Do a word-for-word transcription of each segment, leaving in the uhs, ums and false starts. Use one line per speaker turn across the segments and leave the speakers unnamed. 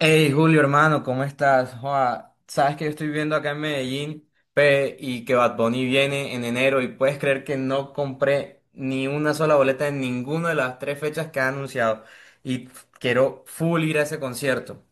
Hey Julio, hermano, ¿cómo estás? Joa, sabes que yo estoy viendo acá en Medellín pe, y que Bad Bunny viene en enero y puedes creer que no compré ni una sola boleta en ninguna de las tres fechas que ha anunciado y quiero full ir a ese concierto.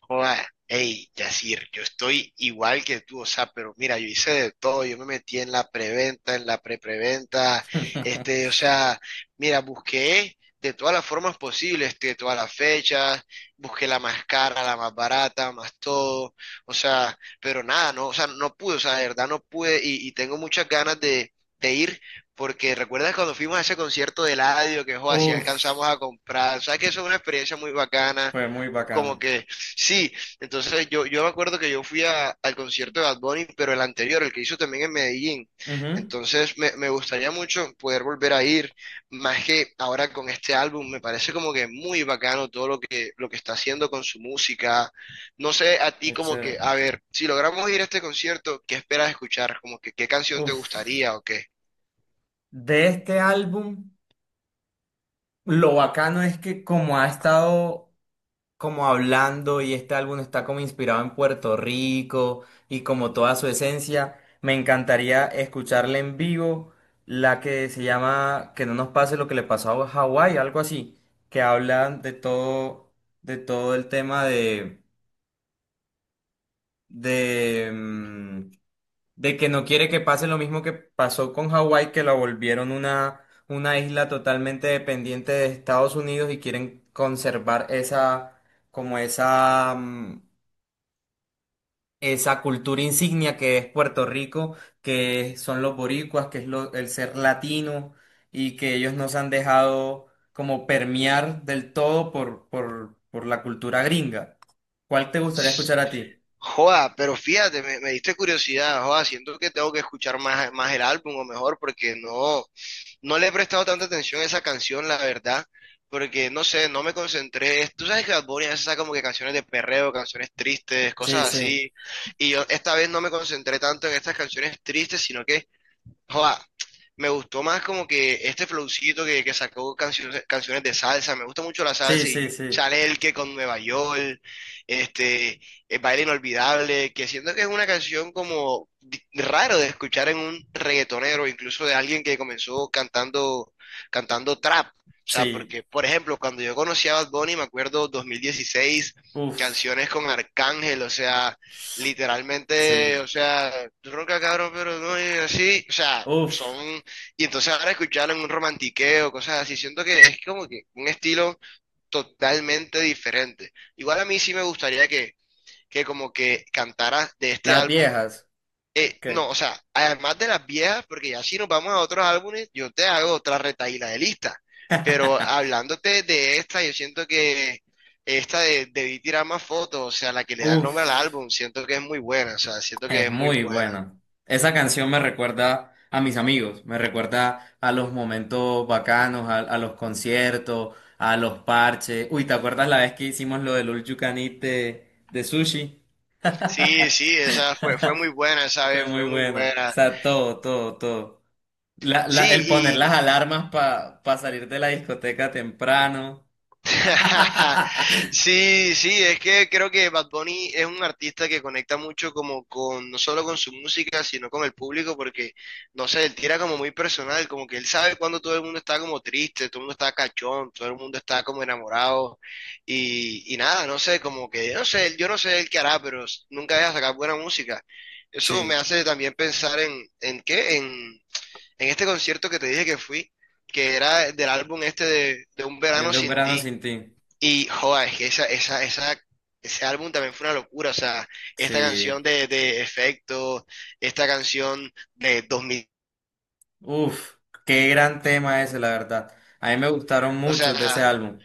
Joda, hey, Yacir, yo estoy igual que tú, o sea, pero mira, yo hice de todo, yo me metí en la preventa, en la prepreventa, este, o sea, mira, busqué de todas las formas posibles, este, de todas las fechas, busqué la más cara, la más barata, más todo, o sea, pero nada, no, o sea, no pude, o sea, de verdad no pude y, y tengo muchas ganas de, de ir. Porque recuerdas cuando fuimos a ese concierto de Eladio, que joda, si
Uf,
alcanzamos a comprar, o sea que eso es una experiencia muy bacana,
fue muy
como
bacano.
que sí, entonces yo, yo me acuerdo que yo fui a- al concierto de Bad Bunny, pero el anterior, el que hizo también en Medellín.
Ujú,
Entonces me, me gustaría mucho poder volver a ir, más que ahora con este álbum, me parece como que muy bacano todo lo que, lo que está haciendo con su música. No sé, a ti
es
como que,
chévere.
a ver, si logramos ir a este concierto, ¿qué esperas escuchar? Como que, ¿qué canción te
Uf.
gustaría o qué?
De este álbum, lo bacano es que como ha estado como hablando y este álbum está como inspirado en Puerto Rico y como toda su esencia. Me encantaría escucharle en vivo la que se llama Que no nos pase lo que le pasó a Hawái, algo así, que habla de todo, de todo el tema de, de, mm, de que no quiere que pase lo mismo que pasó con Hawái, que la volvieron una, una isla totalmente dependiente de Estados Unidos y quieren conservar esa como esa, mm, esa cultura insignia que es Puerto Rico, que son los boricuas, que es lo- el ser latino y que ellos nos han dejado como permear del todo por, por, por la cultura gringa. ¿Cuál te gustaría escuchar a ti?
Joda, pero fíjate, me, me diste curiosidad, joda, siento que tengo que escuchar más, más el álbum o mejor porque no. No le he prestado tanta atención a esa canción, la verdad, porque no sé, no me concentré. Tú sabes que Bad Bunny a veces saca como que canciones de perreo, canciones tristes,
Sí,
cosas
sí,
así. Y yo esta vez no me concentré tanto en estas canciones tristes, sino que joda, me gustó más como que este flowcito que, que sacó canciones, canciones de salsa, me gusta mucho la
sí,
salsa
sí,
y
sí,
Chanel que con Nueva York, este, el baile inolvidable, que siento que es una canción como di- raro de escuchar en un reggaetonero, incluso de alguien que comenzó cantando, cantando trap. O sea,
sí,
porque, por ejemplo, cuando yo conocí a Bad Bunny, me acuerdo dos mil dieciséis,
uf,
canciones con Arcángel, o sea, literalmente,
sí,
o sea, ronca cabrón, pero no es así, o sea, son,
uf,
y entonces ahora escucharlo en un romantiqueo, cosas así, siento que es como que un estilo totalmente diferente. Igual a mí sí me gustaría que, que como que cantara de este
las
álbum
viejas,
eh, no,
¿qué?
o sea, además de las viejas, porque ya si nos vamos a otros álbumes, yo te hago otra retaíla de lista. Pero hablándote de esta, yo siento que esta de Debí tirar más fotos, o sea, la que le da el
Uf.
nombre al álbum, siento que es muy buena, o sea, siento que
Es
es muy
muy
buena.
buena. Esa canción me recuerda a mis amigos, me recuerda a los momentos bacanos, a, a los conciertos, a los parches. Uy, ¿te acuerdas la vez que hicimos lo del All You Can Eat de, de sushi?
Sí, sí, esa fue, fue muy buena, esa
Fue
vez fue
muy
muy
bueno. O
buena.
sea, todo, todo, todo. La- la- el poner
Sí,
las alarmas para salir de la discoteca temprano.
sí, sí, es que creo que Bad Bunny es un artista que conecta mucho como con, no solo con su música, sino con el público, porque, no sé, él tira como muy personal, como que él sabe cuando todo el mundo está como triste, todo el mundo está cachón, todo el mundo está como enamorado, y, y nada, no sé, como que, no sé, yo no sé él qué hará, pero s- nunca deja sacar buena música. Eso me
Sí,
hace también pensar en, ¿en qué? En, en este concierto que te dije que fui, que era del álbum este de, de Un
el
Verano
de un
Sin
verano
Ti.
sin ti.
Y joda, es que esa, esa, esa, ese álbum también fue una locura. O sea, esta
Sí.
canción de, de Efecto, esta canción de dos mil,
Uf, qué gran tema ese, la verdad. A mí me gustaron
o
muchos de ese
sea,
álbum.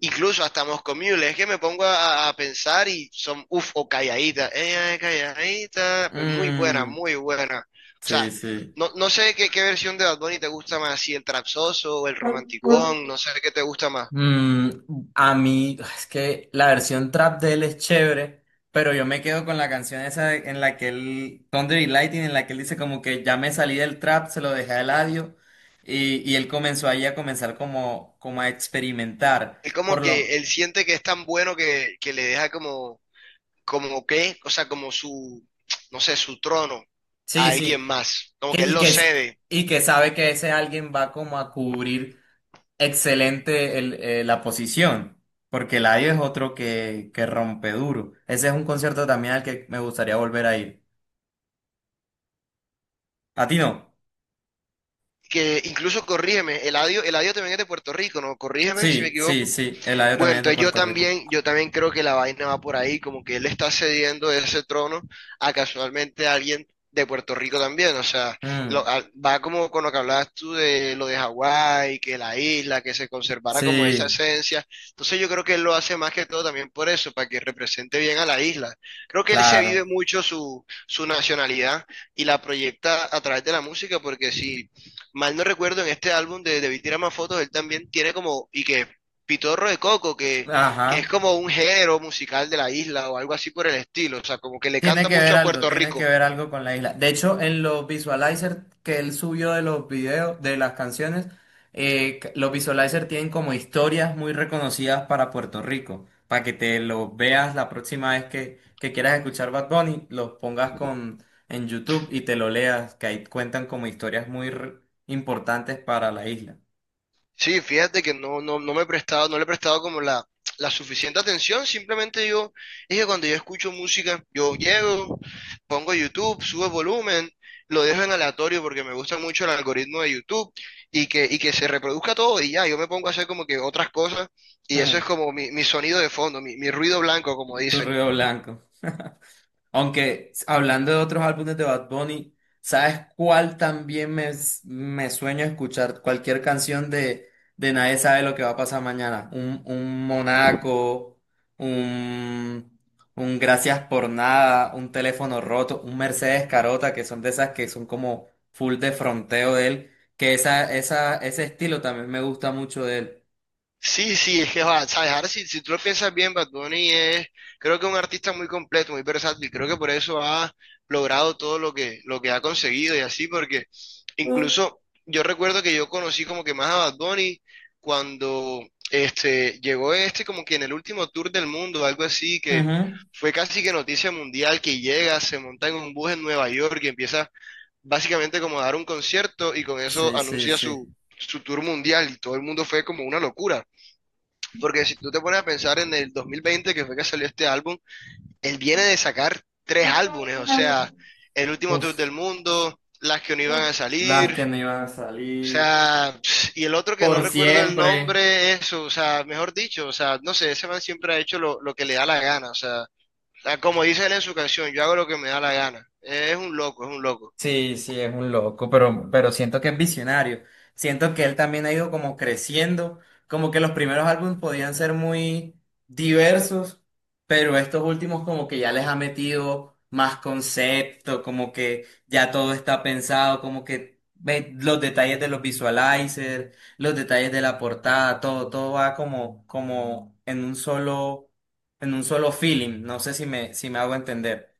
incluso hasta Moscow Mule. Es que me pongo a, a pensar y son, uff, o Calladita, ella es Calladita, pues muy buena,
Mm,
muy buena. O
sí,
sea,
sí.
no, no sé qué, qué versión de Bad Bunny te gusta más, si el trapsoso o el romanticón, no sé qué te gusta más.
Mm, a mí, es que la versión trap de él es chévere, pero yo me quedo con la canción esa en la que él, Thunder y Lightning, en la que él dice como que ya me salí del trap, se lo dejé a Eladio, y, y él comenzó ahí a comenzar como, como a experimentar.
Es
Por
como
lo,
que él siente que es tan bueno que, que le deja como como que, o sea, como su, no sé, su trono a
sí,
alguien
sí,
más, como
que,
que él
y,
lo
que, es-
cede,
y que sabe que ese alguien va como a cubrir excelente el- eh, la posición, porque Eladio es otro que, que rompe duro. Ese es un concierto también al que me gustaría volver a ir. ¿A ti no?
que incluso corrígeme, Eladio, Eladio también es de Puerto Rico, ¿no? Corrígeme si me
Sí, sí,
equivoco.
sí, Eladio
Bueno,
también es de
entonces yo
Puerto Rico.
también, yo también creo que la vaina va por ahí, como que él está cediendo ese trono a casualmente alguien de Puerto Rico también, o sea,
Mm,
lo- a- va como con lo que hablabas tú de lo de Hawái, que la isla, que se conservara como esa
sí,
esencia, entonces yo creo que él lo hace más que todo también por eso, para que represente bien a la isla. Creo que él se vive
claro.
mucho su, su nacionalidad y la proyecta a través de la música, porque si mal no recuerdo, en este álbum de Debí tirar más fotos, él también tiene como, y que Pitorro de Coco, que, que es
Ajá.
como un género musical de la isla o algo así por el estilo, o sea, como que le
Tiene
canta
que ver
mucho a
algo,
Puerto
tiene que
Rico.
ver algo con la isla. De hecho, en los visualizers que él subió de los videos, de las canciones, eh, c- los visualizers tienen como historias muy reconocidas para Puerto Rico, para que te los veas la próxima vez que, que quieras escuchar Bad Bunny, los pongas con, en YouTube y te lo leas, que ahí cuentan como historias muy re- importantes para la isla.
Sí, fíjate que no, no, no me he prestado, no le he prestado como la, la suficiente atención, simplemente yo, es que cuando yo escucho música, yo llego, pongo YouTube, subo el volumen, lo dejo en aleatorio porque me gusta mucho el algoritmo de YouTube y que, y que se reproduzca todo y ya, yo me pongo a hacer como que otras cosas y eso es
Mm,
como mi, mi sonido de fondo, mi, mi ruido blanco, como
tu
dicen.
ruido blanco. Aunque hablando de otros álbumes de Bad Bunny, ¿sabes cuál también me, me sueño escuchar? Cualquier canción de, de Nadie sabe lo que va a pasar mañana. Un, un Monaco, un, un Gracias por nada, un teléfono roto, un Mercedes Carota, que son de esas que son como full de fronteo de él. Que esa, esa, ese estilo también me gusta mucho de él.
Sí, sí, es que, va, sabes, ahora si, si tú lo piensas bien, Bad Bunny es, creo que un artista muy completo, muy versátil, creo que por eso ha logrado todo lo que, lo que ha conseguido y así, porque
Mm.
incluso yo recuerdo que yo conocí como que más a Bad Bunny cuando este, llegó este como que en el último tour del mundo, algo así, que
Ujú.
fue casi que noticia mundial, que llega, se monta en un bus en Nueva York y empieza básicamente como a dar un concierto y con eso
Sí, sí,
anuncia
sí.
su, su tour mundial y todo el mundo fue como una locura. Porque si tú te pones a pensar en el dos mil veinte, que fue que salió este álbum, él viene de sacar tres álbumes, o sea, el último tour
Uf,
del mundo, las que no iban a
las
salir,
que no iban a
o
salir.
sea, y el otro que no
Por
recuerdo el
siempre.
nombre, eso, o sea, mejor dicho, o sea, no sé, ese man siempre ha hecho lo, lo que le da la gana, o sea, como dice él en su canción, yo hago lo que me da la gana, es un loco, es un loco.
Sí, sí, es un loco, pero, pero siento que es visionario. Siento que él también ha ido como creciendo, como que los primeros álbumes podían ser muy diversos, pero estos últimos como que ya les ha metido más concepto, como que ya todo está pensado, como que ve los detalles de los visualizers, los detalles de la portada, todo, todo va como, como en un solo, en un solo feeling. No sé si me, si me hago entender.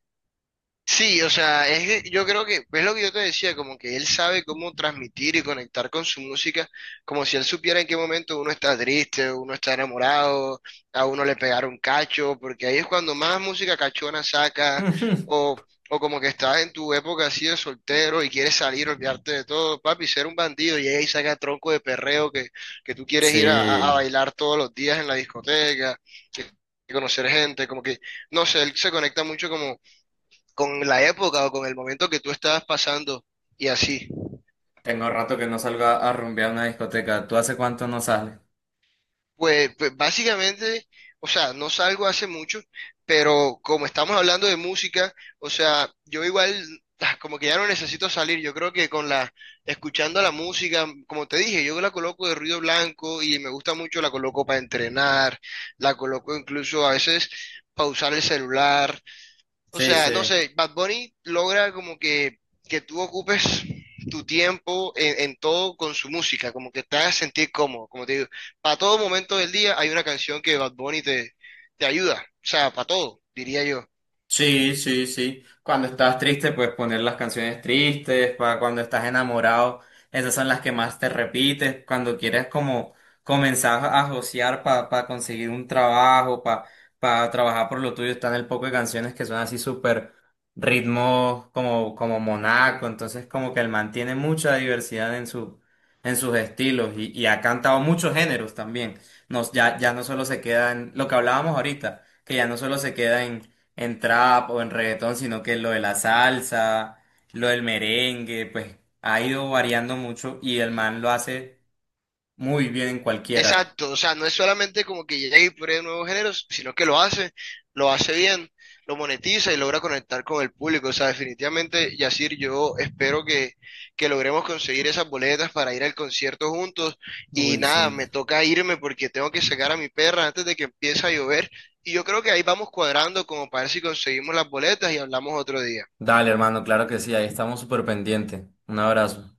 Sí, o sea, es que yo creo que, es lo que yo te decía, como que él sabe cómo transmitir y conectar con su música, como si él supiera en qué momento uno está triste, uno está enamorado, a uno le pegaron cacho, porque ahí es cuando más música cachona saca, o, o como que estás en tu época así de soltero y quieres salir, olvidarte de todo, papi, ser un bandido, y ahí saca tronco de perreo que, que tú quieres ir a, a a
Sí,
bailar todos los días en la discoteca, que conocer gente, como que, no sé, él se conecta mucho como con la época o con el momento que tú estabas pasando y así.
tengo rato que no salgo a, a rumbear a una discoteca. ¿Tú hace cuánto no sales?
Pues, pues básicamente, o sea, no salgo hace mucho, pero como estamos hablando de música, o sea, yo igual ah, como que ya no necesito salir, yo creo que con la, escuchando la música, como te dije, yo la coloco de ruido blanco y me gusta mucho, la coloco para entrenar, la coloco incluso a veces pausar el celular. O
Sí,
sea, no
sí.
sé, Bad Bunny logra como que, que tú ocupes tu tiempo en, en todo con su música, como que te hagas sentir cómodo. Como te digo, para todo momento del día hay una canción que Bad Bunny te, te ayuda. O sea, para todo, diría yo.
Sí, sí, sí. Cuando estás triste, pues poner las canciones tristes, para cuando estás enamorado, esas son las que más te repites, cuando quieres como comenzar a josear para conseguir un trabajo, para trabajar por lo tuyo, están el poco de canciones que son así súper ritmos como, como monaco, entonces como que él mantiene mucha diversidad en su, en sus estilos y, y ha cantado muchos géneros también. No, ya, ya no solo se queda en lo que hablábamos ahorita, que ya no solo se queda en en trap o en reggaetón, sino que lo de la salsa, lo del merengue, pues ha ido variando mucho y el man lo hace muy bien en cualquiera.
Exacto, o sea, no es solamente como que llega y pruebe nuevos géneros, sino que lo hace, lo hace bien, lo monetiza y logra conectar con el público. O sea, definitivamente, Yacir, yo espero que, que logremos conseguir esas boletas para ir al concierto juntos. Y
Uy,
nada,
sí.
me toca irme porque tengo que sacar a mi perra antes de que empiece a llover. Y yo creo que ahí vamos cuadrando como para ver si conseguimos las boletas y hablamos otro día.
Dale, hermano, claro que sí, ahí estamos súper pendientes. Un abrazo.